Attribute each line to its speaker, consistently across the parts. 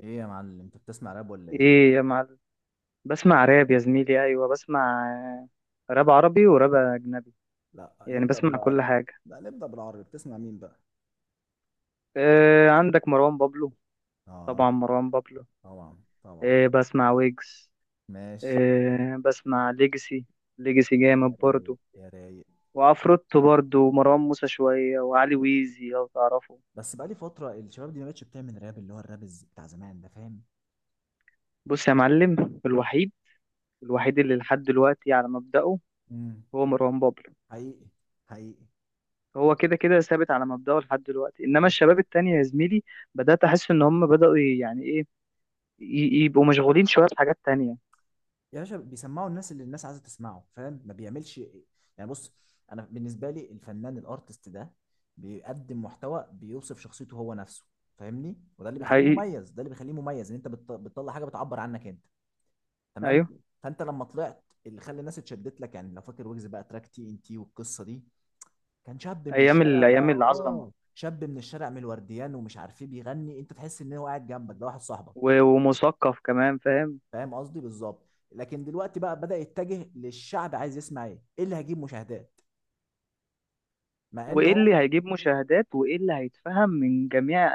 Speaker 1: ايه يا معلم، انت بتسمع راب ولا ايه؟
Speaker 2: ايه يا معلم. بسمع راب يا زميلي، ايوه بسمع. آه، راب عربي وراب اجنبي.
Speaker 1: لا
Speaker 2: يعني
Speaker 1: نبدأ
Speaker 2: بسمع
Speaker 1: بالعرض.
Speaker 2: كل حاجه.
Speaker 1: لا نبدأ بالعرض، بتسمع مين بقى؟
Speaker 2: إيه، عندك مروان بابلو؟ طبعا
Speaker 1: اه،
Speaker 2: مروان بابلو.
Speaker 1: طبعا طبعا.
Speaker 2: إيه، بسمع ويجز.
Speaker 1: ماشي.
Speaker 2: إيه، بسمع ليجسي. ليجسي
Speaker 1: يا
Speaker 2: جامد
Speaker 1: رايق
Speaker 2: برضو.
Speaker 1: يا رايق.
Speaker 2: وعفروتو برضو ومروان موسى شويه وعلي ويزي لو تعرفه.
Speaker 1: بس بقالي فترة الشباب دي ما بقتش بتعمل راب اللي هو الراب بتاع زمان ده، فاهم؟
Speaker 2: بص يا معلم، الوحيد الوحيد اللي لحد دلوقتي على مبدأه
Speaker 1: امم.
Speaker 2: هو مروان بابلو.
Speaker 1: حقيقي. حقيقي.
Speaker 2: هو كده كده ثابت على مبدأه لحد دلوقتي، انما
Speaker 1: لكن.
Speaker 2: الشباب التانية يا زميلي بدأت أحس إن هم بدأوا يعني إيه، يبقوا مشغولين شوية بحاجات تانية.
Speaker 1: يا باشا، بيسمعوا الناس اللي الناس عايزة تسمعه، فاهم؟ ما بيعملش إيه. يعني بص، انا بالنسبة لي الفنان الارتست ده بيقدم محتوى بيوصف شخصيته هو نفسه، فاهمني؟ وده اللي
Speaker 2: ده
Speaker 1: بيخليه
Speaker 2: حقيقي.
Speaker 1: مميز، ده اللي بيخليه مميز ان انت بتطلع حاجة بتعبر عنك انت. تمام.
Speaker 2: أيوه.
Speaker 1: فانت لما طلعت، اللي خلى الناس اتشدت لك يعني، لو فاكر ويجز بقى تراك TNT والقصه دي، كان شاب من الشارع بقى.
Speaker 2: أيام العظمة،
Speaker 1: اه شاب من الشارع، من الورديان ومش عارف ايه، بيغني انت تحس ان هو قاعد جنبك، ده واحد صاحبك.
Speaker 2: ومثقف كمان، فاهم.
Speaker 1: فاهم قصدي بالظبط. لكن دلوقتي بقى بدأ يتجه للشعب، عايز يسمع ايه اللي هيجيب مشاهدات، مع ان
Speaker 2: وإيه اللي
Speaker 1: هو.
Speaker 2: هيجيب مشاهدات وإيه اللي هيتفهم من جميع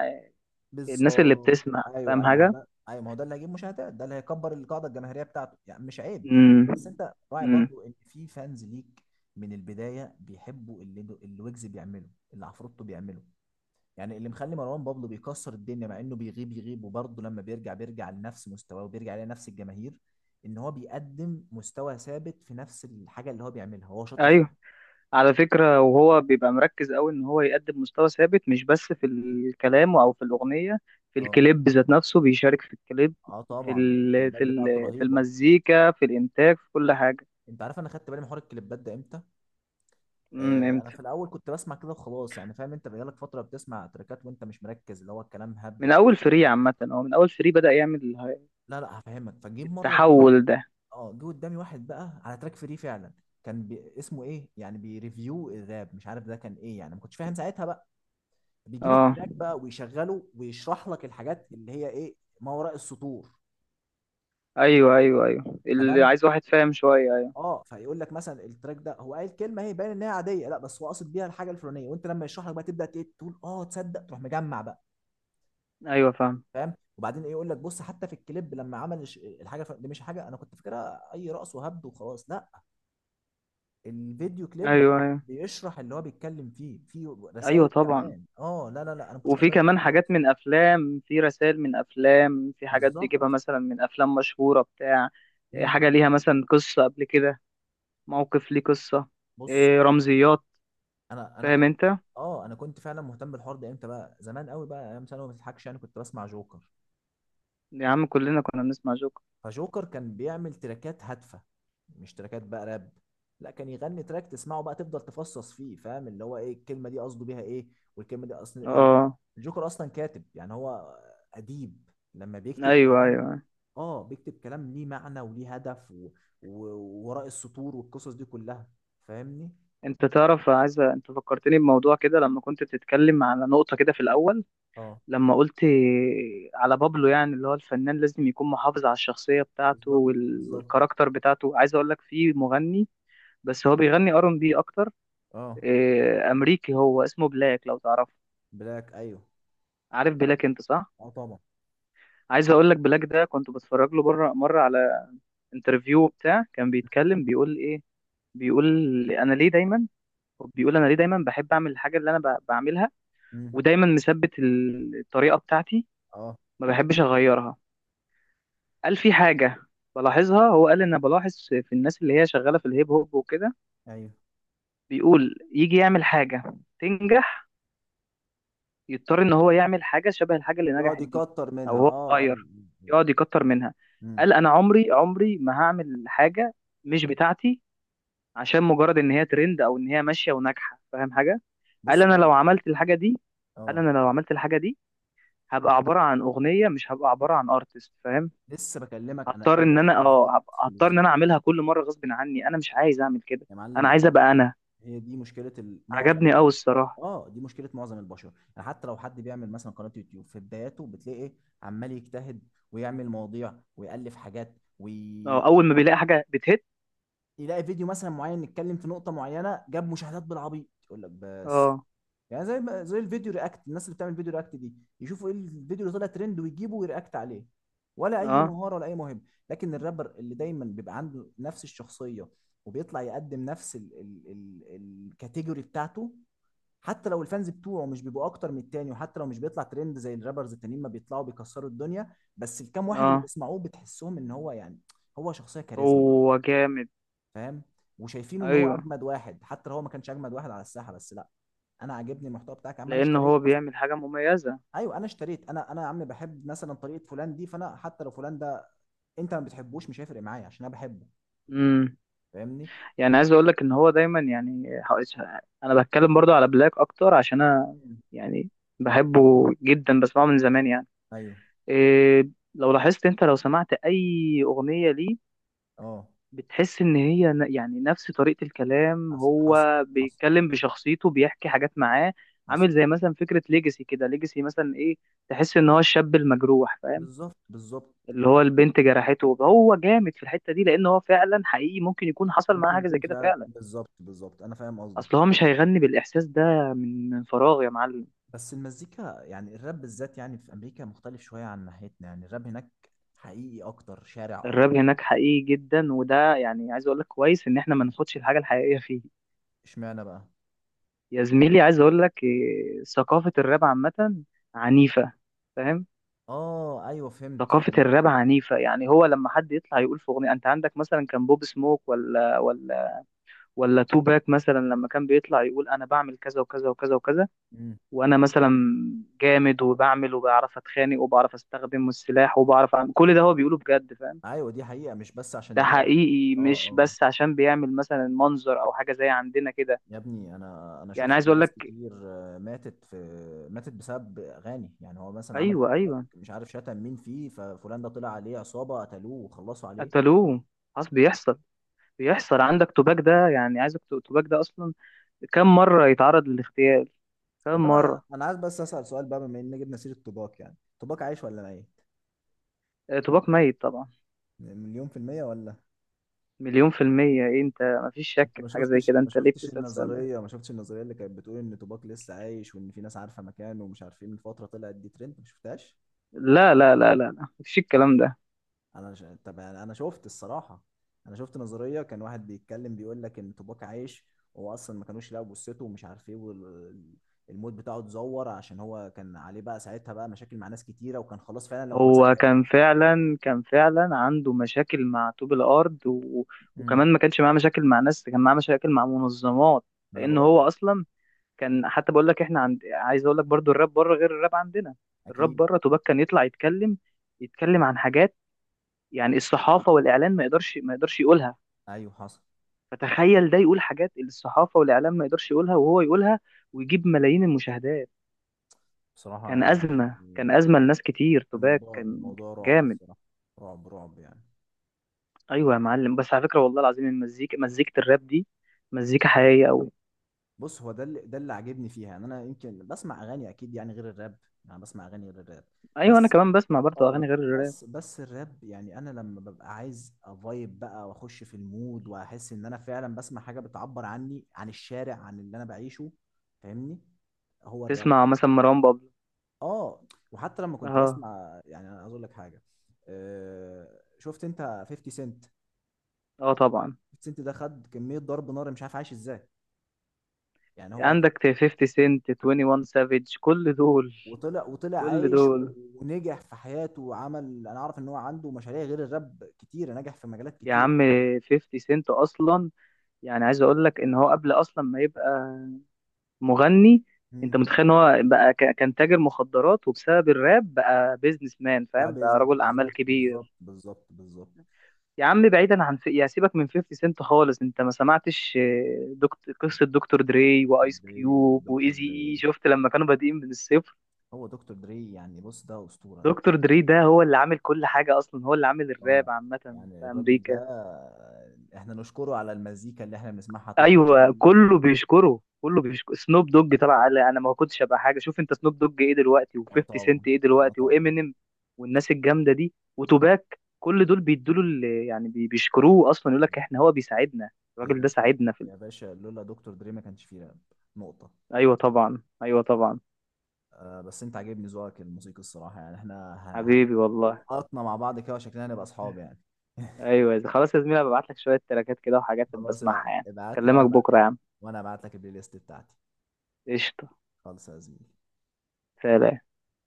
Speaker 2: الناس اللي
Speaker 1: بالظبط.
Speaker 2: بتسمع؟
Speaker 1: ايوه
Speaker 2: فاهم
Speaker 1: ايوه، ما هو
Speaker 2: حاجة؟
Speaker 1: ده، ايوه ما هو ده اللي هيجيب مشاهدات، ده اللي هيكبر القاعده الجماهيريه بتاعته، يعني مش عيب.
Speaker 2: امم.
Speaker 1: بس انت راعي
Speaker 2: امم.
Speaker 1: برضو ان في فانز ليك من البدايه بيحبوا اللي ويجز بيعمله، اللي عفروتو بيعمله. يعني اللي مخلي مروان بابلو بيكسر الدنيا، مع انه بيغيب يغيب وبرضه لما بيرجع بيرجع لنفس مستواه وبيرجع لنفس الجماهير، ان هو بيقدم مستوى ثابت في نفس الحاجه اللي هو بيعملها، هو شاطر فيها.
Speaker 2: أيوه. على فكرة، وهو بيبقى مركز أوي إن هو يقدم مستوى ثابت مش بس في الكلام أو في الأغنية، في
Speaker 1: اه.
Speaker 2: الكليب ذات نفسه بيشارك في الكليب،
Speaker 1: اه طبعا، ده الكليبات بتاعته
Speaker 2: في
Speaker 1: رهيبه.
Speaker 2: المزيكا في الإنتاج في كل حاجة.
Speaker 1: انت عارف انا خدت بالي من حوار الكليبات ده امتى؟
Speaker 2: امم.
Speaker 1: انا في الاول كنت بسمع كده وخلاص، يعني فاهم، انت بقالك فتره بتسمع تراكات وانت مش مركز، اللي هو الكلام هبد
Speaker 2: من
Speaker 1: وخلاص.
Speaker 2: اول فري عامه، من اول فري بدأ يعمل
Speaker 1: لا لا، هفهمك. فجيب مره جه.
Speaker 2: التحول ده.
Speaker 1: اه، جه قدامي واحد بقى على تراك فري فعلا، اسمه ايه يعني، بيريفيو الراب، مش عارف ده كان ايه يعني، ما كنتش فاهم ساعتها بقى. بيجيب
Speaker 2: اه،
Speaker 1: التراك بقى ويشغله ويشرح لك الحاجات اللي هي ايه، ما وراء السطور.
Speaker 2: ايوه، ايوه، ايوه، اللي
Speaker 1: تمام.
Speaker 2: عايز واحد فاهم شويه، ايوه.
Speaker 1: اه، فيقول لك مثلا التراك ده، هو قال كلمه هي باين ان هي عاديه، لا بس هو قاصد بيها الحاجه الفلانيه، وانت لما يشرح لك بقى تبدا تقول اه تصدق، تروح مجمع بقى.
Speaker 2: ايوه، فاهم.
Speaker 1: فاهم؟ وبعدين ايه، يقول لك بص حتى في الكليب لما عمل الحاجه دي، مش حاجه انا كنت فاكرها اي رقص وهبد وخلاص، لا. الفيديو كليب
Speaker 2: ايوه، ايوه،
Speaker 1: بيشرح اللي هو بيتكلم فيه، فيه
Speaker 2: ايوه،
Speaker 1: رسائل
Speaker 2: طبعا.
Speaker 1: كمان. اه لا لا لا، انا ما كنتش واخد
Speaker 2: وفي
Speaker 1: بالي من الحوار
Speaker 2: كمان
Speaker 1: ده خالص.
Speaker 2: حاجات من افلام، في رسائل من افلام، في حاجات
Speaker 1: بالظبط.
Speaker 2: بيجيبها مثلا من افلام مشهوره بتاع إيه،
Speaker 1: امم.
Speaker 2: حاجه ليها مثلا قصه قبل كده، موقف ليه قصه،
Speaker 1: بص،
Speaker 2: إيه، رمزيات.
Speaker 1: انا
Speaker 2: فاهم
Speaker 1: كنت.
Speaker 2: انت.
Speaker 1: اه، انا كنت فعلا مهتم بالحوار ده امتى بقى؟ زمان قوي بقى، ايام ثانوي، ما تضحكش، يعني كنت بسمع جوكر.
Speaker 2: يا عم، كلنا كنا بنسمع جوكر.
Speaker 1: فجوكر كان بيعمل تراكات هادفه، مش تراكات بقى راب، لا، كان يغني تراك تسمعه بقى تفضل تفصص فيه، فاهم؟ اللي هو ايه الكلمه دي، قصده بيها ايه، والكلمه دي اصلا.
Speaker 2: اه،
Speaker 1: الجوكر اصلا كاتب، يعني هو اديب، لما بيكتب
Speaker 2: ايوه،
Speaker 1: كلام.
Speaker 2: ايوه.
Speaker 1: اه، بيكتب كلام ليه معنى وليه هدف و... وراء السطور والقصص دي كلها، فاهمني؟
Speaker 2: انت تعرف، عايز انت فكرتني بموضوع كده لما كنت بتتكلم على نقطة كده في الأول
Speaker 1: اه،
Speaker 2: لما قلت على بابلو، يعني اللي هو الفنان لازم يكون محافظ على الشخصية بتاعته
Speaker 1: بالظبط بالظبط.
Speaker 2: والكاركتر بتاعته، عايز اقول لك في مغني، بس هو بيغني ار ان بي اكتر.
Speaker 1: اه،
Speaker 2: اه، امريكي، هو اسمه بلاك، لو تعرفه.
Speaker 1: بلاك ايوه.
Speaker 2: عارف بلاك، انت صح.
Speaker 1: اه طبعا.
Speaker 2: عايز اقول لك، بلاك ده كنت بتفرج له بره مرة على انترفيو بتاع، كان بيتكلم بيقول ايه. بيقول انا ليه دايما بيقول انا ليه دايما بحب اعمل الحاجة اللي انا بعملها،
Speaker 1: امم.
Speaker 2: ودايما مثبت الطريقه بتاعتي،
Speaker 1: اه
Speaker 2: ما بحبش اغيرها. قال في حاجه بلاحظها، هو قال ان أنا بلاحظ في الناس اللي هي شغاله في الهيب هوب وكده،
Speaker 1: ايوه،
Speaker 2: بيقول يجي يعمل حاجه تنجح، يضطر ان هو يعمل حاجه شبه الحاجه اللي
Speaker 1: يقعد
Speaker 2: نجحت دي،
Speaker 1: يكتر
Speaker 2: او
Speaker 1: منها.
Speaker 2: هو
Speaker 1: اه. اه.
Speaker 2: مغير، يقعد
Speaker 1: آه.
Speaker 2: يكتر منها.
Speaker 1: امم.
Speaker 2: قال انا عمري عمري ما هعمل حاجه مش بتاعتي عشان مجرد ان هي ترند او ان هي ماشيه وناجحه، فاهم حاجه؟ قال
Speaker 1: بص
Speaker 2: انا
Speaker 1: ده.
Speaker 2: لو عملت الحاجه دي قال
Speaker 1: اه،
Speaker 2: انا لو عملت الحاجه دي، هبقى عباره عن اغنيه مش هبقى عباره عن ارتست، فاهم.
Speaker 1: لسه بكلمك انا، انت بالظبط.
Speaker 2: هضطر ان
Speaker 1: بالظبط.
Speaker 2: انا اعملها كل مره غصب عني، انا مش عايز اعمل كده،
Speaker 1: يا
Speaker 2: انا
Speaker 1: معلم
Speaker 2: عايز
Speaker 1: بص،
Speaker 2: ابقى انا.
Speaker 1: هي دي مشكله معظم
Speaker 2: عجبني قوي
Speaker 1: البشر.
Speaker 2: الصراحه.
Speaker 1: اه، دي مشكله معظم البشر. يعني حتى لو حد بيعمل مثلا قناه يوتيوب في بداياته، بتلاقي عمال يجتهد ويعمل مواضيع ويالف حاجات، ويلاقي
Speaker 2: اه، اول ما بيلاقي حاجه بتهت.
Speaker 1: فيديو مثلا معين يتكلم في نقطه معينه جاب مشاهدات بالعبيط، يقول لك بس.
Speaker 2: اه،
Speaker 1: يعني زي ما زي الفيديو رياكت، الناس اللي بتعمل فيديو رياكت دي يشوفوا ايه الفيديو اللي طلع ترند ويجيبوا ويرياكت عليه، ولا اي
Speaker 2: اه.
Speaker 1: مهاره ولا اي موهبه. لكن الرابر اللي دايما بيبقى عنده نفس الشخصيه وبيطلع يقدم نفس ال الكاتيجوري بتاعته، حتى لو الفانز بتوعه مش بيبقوا اكتر من التاني، وحتى لو مش بيطلع ترند زي الرابرز التانيين ما بيطلعوا بيكسروا الدنيا، بس الكام واحد اللي
Speaker 2: اه.
Speaker 1: بيسمعوه بتحسهم ان هو يعني، هو شخصيه كاريزما،
Speaker 2: هو جامد.
Speaker 1: فاهم؟ وشايفينه ان هو
Speaker 2: ايوه.
Speaker 1: اجمد واحد حتى لو هو ما كانش اجمد واحد على الساحه، بس لا، انا عاجبني المحتوى بتاعك يا عم، انا
Speaker 2: لان هو
Speaker 1: اشتريت.
Speaker 2: بيعمل حاجه مميزه.
Speaker 1: ايوه انا اشتريت. انا يا عم بحب مثلا طريقه فلان دي، فانا حتى لو فلان ده انت ما بتحبوش، مش هيفرق معايا عشان انا بحبه،
Speaker 2: امم.
Speaker 1: فاهمني؟
Speaker 2: يعني عايز اقول لك ان هو دايما، يعني انا بتكلم برضو على بلاك اكتر عشان انا،
Speaker 1: مم.
Speaker 2: يعني بحبه جدا بسمعه من زمان يعني.
Speaker 1: ايوه.
Speaker 2: إيه، لو لاحظت انت لو سمعت اي اغنيه ليه،
Speaker 1: اه،
Speaker 2: بتحس ان هي يعني نفس طريقة الكلام،
Speaker 1: حصل
Speaker 2: هو
Speaker 1: حصل. حصل
Speaker 2: بيتكلم بشخصيته، بيحكي حاجات معاه.
Speaker 1: حصل.
Speaker 2: عامل زي مثلا فكرة ليجاسي كده، ليجاسي مثلا ايه، تحس ان هو الشاب المجروح، فاهم،
Speaker 1: بالظبط بالظبط.
Speaker 2: اللي هو البنت جرحته. هو جامد في الحتة دي لان هو فعلا حقيقي، ممكن يكون حصل معاه
Speaker 1: ممكن
Speaker 2: حاجة زي
Speaker 1: يكون
Speaker 2: كده
Speaker 1: فعلا،
Speaker 2: فعلا.
Speaker 1: بالظبط بالظبط، انا فاهم قصدك.
Speaker 2: اصل هو مش هيغني بالاحساس ده من فراغ يا معلم.
Speaker 1: بس المزيكا، يعني الراب بالذات يعني، في امريكا مختلف شويه عن ناحيتنا، يعني الراب هناك حقيقي اكتر، شارع
Speaker 2: الراب
Speaker 1: اكتر.
Speaker 2: هناك حقيقي جدا، وده يعني عايز اقول لك، كويس ان احنا ما ناخدش الحاجة الحقيقية فيه.
Speaker 1: اشمعنى بقى؟
Speaker 2: يا زميلي، عايز اقول لك إيه، ثقافة الراب عامة عنيفة، فاهم.
Speaker 1: اه ايوه، فهمت
Speaker 2: ثقافة
Speaker 1: فهمت.
Speaker 2: الراب عنيفة، يعني هو لما حد يطلع يقول في أغنية، أنت عندك مثلا كان بوب سموك، ولا توباك مثلا، لما كان بيطلع يقول أنا بعمل كذا وكذا وكذا وكذا،
Speaker 1: مم.
Speaker 2: وأنا مثلا جامد وبعمل وبعرف أتخانق وبعرف أستخدم السلاح وبعرف أعمل كل ده، هو بيقوله بجد، فاهم.
Speaker 1: ايوه، دي حقيقه مش بس عشان
Speaker 2: ده
Speaker 1: الراب.
Speaker 2: حقيقي
Speaker 1: اه.
Speaker 2: مش
Speaker 1: اه.
Speaker 2: بس عشان بيعمل مثلا منظر أو حاجة زي عندنا كده.
Speaker 1: يا ابني، انا
Speaker 2: يعني
Speaker 1: شفت
Speaker 2: عايز أقول
Speaker 1: ناس
Speaker 2: لك.
Speaker 1: كتير ماتت، في ماتت بسبب اغاني، يعني هو مثلا عمل
Speaker 2: أيوه،
Speaker 1: تراك
Speaker 2: أيوه.
Speaker 1: مش عارف شتم مين فيه، ففلان ده طلع عليه عصابه قتلوه وخلصوا عليه.
Speaker 2: قتلوه. خلاص بيحصل. عندك توباك ده، يعني عايزك، توباك ده أصلا كم مرة يتعرض للاغتيال، كم
Speaker 1: طب انا
Speaker 2: مرة.
Speaker 1: انا عايز بس اسال سؤال بقى، بما ان جبنا سيره توباك، يعني توباك عايش ولا ميت؟
Speaker 2: آه، طوباك ميت طبعا.
Speaker 1: مليون في المية ولا؟
Speaker 2: مليون في المية، إيه أنت، مفيش شك
Speaker 1: انت ما
Speaker 2: في حاجة زي
Speaker 1: شفتش،
Speaker 2: كده،
Speaker 1: ما
Speaker 2: أنت ليه
Speaker 1: شفتش
Speaker 2: بتسأل السؤال ده؟
Speaker 1: النظرية، ما شفتش النظرية اللي كانت بتقول ان توباك لسه عايش وان في ناس عارفة مكانه ومش عارفين، من فترة طلعت دي ترند، ما شفتهاش؟
Speaker 2: لا لا لا لا لا، مفيش الكلام ده.
Speaker 1: طب انا، أنا شفت الصراحه، انا شفت نظريه، كان واحد بيتكلم بيقول لك ان توباك عايش، هو اصلا ما كانوش يلاقوا جثته ومش عارف ايه، والموت بتاعه اتزور عشان هو كان عليه بقى ساعتها بقى مشاكل مع ناس كتيره، وكان خلاص فعلا لو اتمسك
Speaker 2: هو
Speaker 1: هي...
Speaker 2: كان فعلا عنده مشاكل مع طوب الأرض و...
Speaker 1: امم.
Speaker 2: وكمان ما كانش معاه مشاكل مع ناس، كان معاه مشاكل مع منظمات،
Speaker 1: ما انا
Speaker 2: لأن
Speaker 1: بقول لك.
Speaker 2: هو أصلا كان، حتى بقول لك إحنا عند، عايز أقول لك برضو الراب بره غير الراب عندنا. الراب
Speaker 1: اكيد.
Speaker 2: بره طوباك كان يطلع يتكلم، عن حاجات يعني الصحافة والإعلان ما يقدرش يقولها،
Speaker 1: ايوه حصل.
Speaker 2: فتخيل ده يقول حاجات الصحافة والإعلام ما يقدرش يقولها وهو يقولها ويجيب ملايين المشاهدات.
Speaker 1: بصراحه
Speaker 2: كان
Speaker 1: يعني،
Speaker 2: أزمة كان أزمة لناس كتير، توباك
Speaker 1: الموضوع
Speaker 2: كان
Speaker 1: الموضوع رعب
Speaker 2: جامد.
Speaker 1: الصراحه. رعب رعب يعني.
Speaker 2: أيوة يا معلم، بس على فكرة والله العظيم، مزيكة الراب دي مزيكا حقيقية أوي.
Speaker 1: بص، هو ده اللي عاجبني فيها، يعني انا يمكن بسمع اغاني اكيد يعني غير الراب، يعني بسمع اغاني غير الراب،
Speaker 2: أيوة، أنا
Speaker 1: بس.
Speaker 2: كمان بسمع برضه
Speaker 1: اه
Speaker 2: أغاني غير الراب.
Speaker 1: بس، بس الراب يعني، انا لما ببقى عايز افايب بقى واخش في المود، واحس ان انا فعلا بسمع حاجه بتعبر عني، عن الشارع، عن اللي انا بعيشه، فاهمني؟ هو الراب.
Speaker 2: تسمع مثلا مروان بابلو.
Speaker 1: اه. وحتى لما كنت
Speaker 2: أه.
Speaker 1: بسمع، يعني انا عايز اقول لك حاجه، آه، شفت انت 50 سنت؟
Speaker 2: أه طبعا.
Speaker 1: 50 سنت ده خد كميه ضرب نار، مش عارف عايش ازاي، يعني هو ط-
Speaker 2: عندك 50 سنت، 21 سافيج، كل دول
Speaker 1: وطلع، وطلع
Speaker 2: كل
Speaker 1: عايش
Speaker 2: دول،
Speaker 1: ونجح في حياته، وعمل، انا اعرف ان هو عنده مشاريع غير الراب كتير، نجح في مجالات
Speaker 2: يا
Speaker 1: كتير.
Speaker 2: عم. 50 سنت أصلا، يعني عايز أقول لك إن هو قبل أصلا ما يبقى مغني. انت
Speaker 1: مم.
Speaker 2: متخيل ان هو بقى كان تاجر مخدرات وبسبب الراب بقى بيزنس مان،
Speaker 1: بتاع
Speaker 2: فاهم، بقى
Speaker 1: بيزنس،
Speaker 2: رجل اعمال
Speaker 1: بالظبط بالظبط
Speaker 2: كبير.
Speaker 1: بالظبط بالظبط.
Speaker 2: يا عم، بعيدا عن يا سيبك من 50 سنت خالص، انت ما سمعتش، آه، دكتور قصة دكتور دري
Speaker 1: دكتور
Speaker 2: وايس
Speaker 1: دري.
Speaker 2: كيوب
Speaker 1: دكتور
Speaker 2: وايزي اي،
Speaker 1: دري.
Speaker 2: شفت لما كانوا بادئين من الصفر؟
Speaker 1: هو دكتور دري يعني، بص ده أسطورة ده.
Speaker 2: دكتور دري ده هو اللي عامل كل حاجة، اصلا هو اللي عامل الراب
Speaker 1: اه.
Speaker 2: عامة في
Speaker 1: يعني الراجل ده
Speaker 2: امريكا.
Speaker 1: احنا نشكره على المزيكا اللي احنا بنسمعها طول حياتنا
Speaker 2: ايوه،
Speaker 1: دي.
Speaker 2: كله بيشكر سنوب دوج، طلع قال انا ما كنتش ابقى حاجه، شوف انت سنوب دوج ايه دلوقتي
Speaker 1: اه
Speaker 2: و50
Speaker 1: طبعا.
Speaker 2: سنت ايه
Speaker 1: اه
Speaker 2: دلوقتي
Speaker 1: طبعا.
Speaker 2: وامينيم والناس الجامده دي وتوباك، كل دول بيدوا له، يعني بيشكروه اصلا، يقول لك احنا، هو بيساعدنا.
Speaker 1: يا
Speaker 2: الراجل ده
Speaker 1: باشا.
Speaker 2: ساعدنا في
Speaker 1: يا باشا، لولا دكتور دري ما كانش فيه راب، نقطة.
Speaker 2: ايوه طبعا، ايوه طبعا.
Speaker 1: آه، بس انت عاجبني ذوقك الموسيقي الصراحة، يعني احنا
Speaker 2: حبيبي والله.
Speaker 1: لقطنا مع بعض كده، وشكلنا هنبقى اصحاب يعني.
Speaker 2: ايوه يا زلمة. خلاص يا زميلي، ببعت لك شويه تراكات كده وحاجات
Speaker 1: خلاص،
Speaker 2: بسمعها يعني.
Speaker 1: ابعت لي
Speaker 2: اكلمك
Speaker 1: وانا بقى،
Speaker 2: بكره يا عم.
Speaker 1: وانا ابعت لك البلاي ليست بتاعتي،
Speaker 2: قشطه.
Speaker 1: خالص يا زميلي.
Speaker 2: سلام.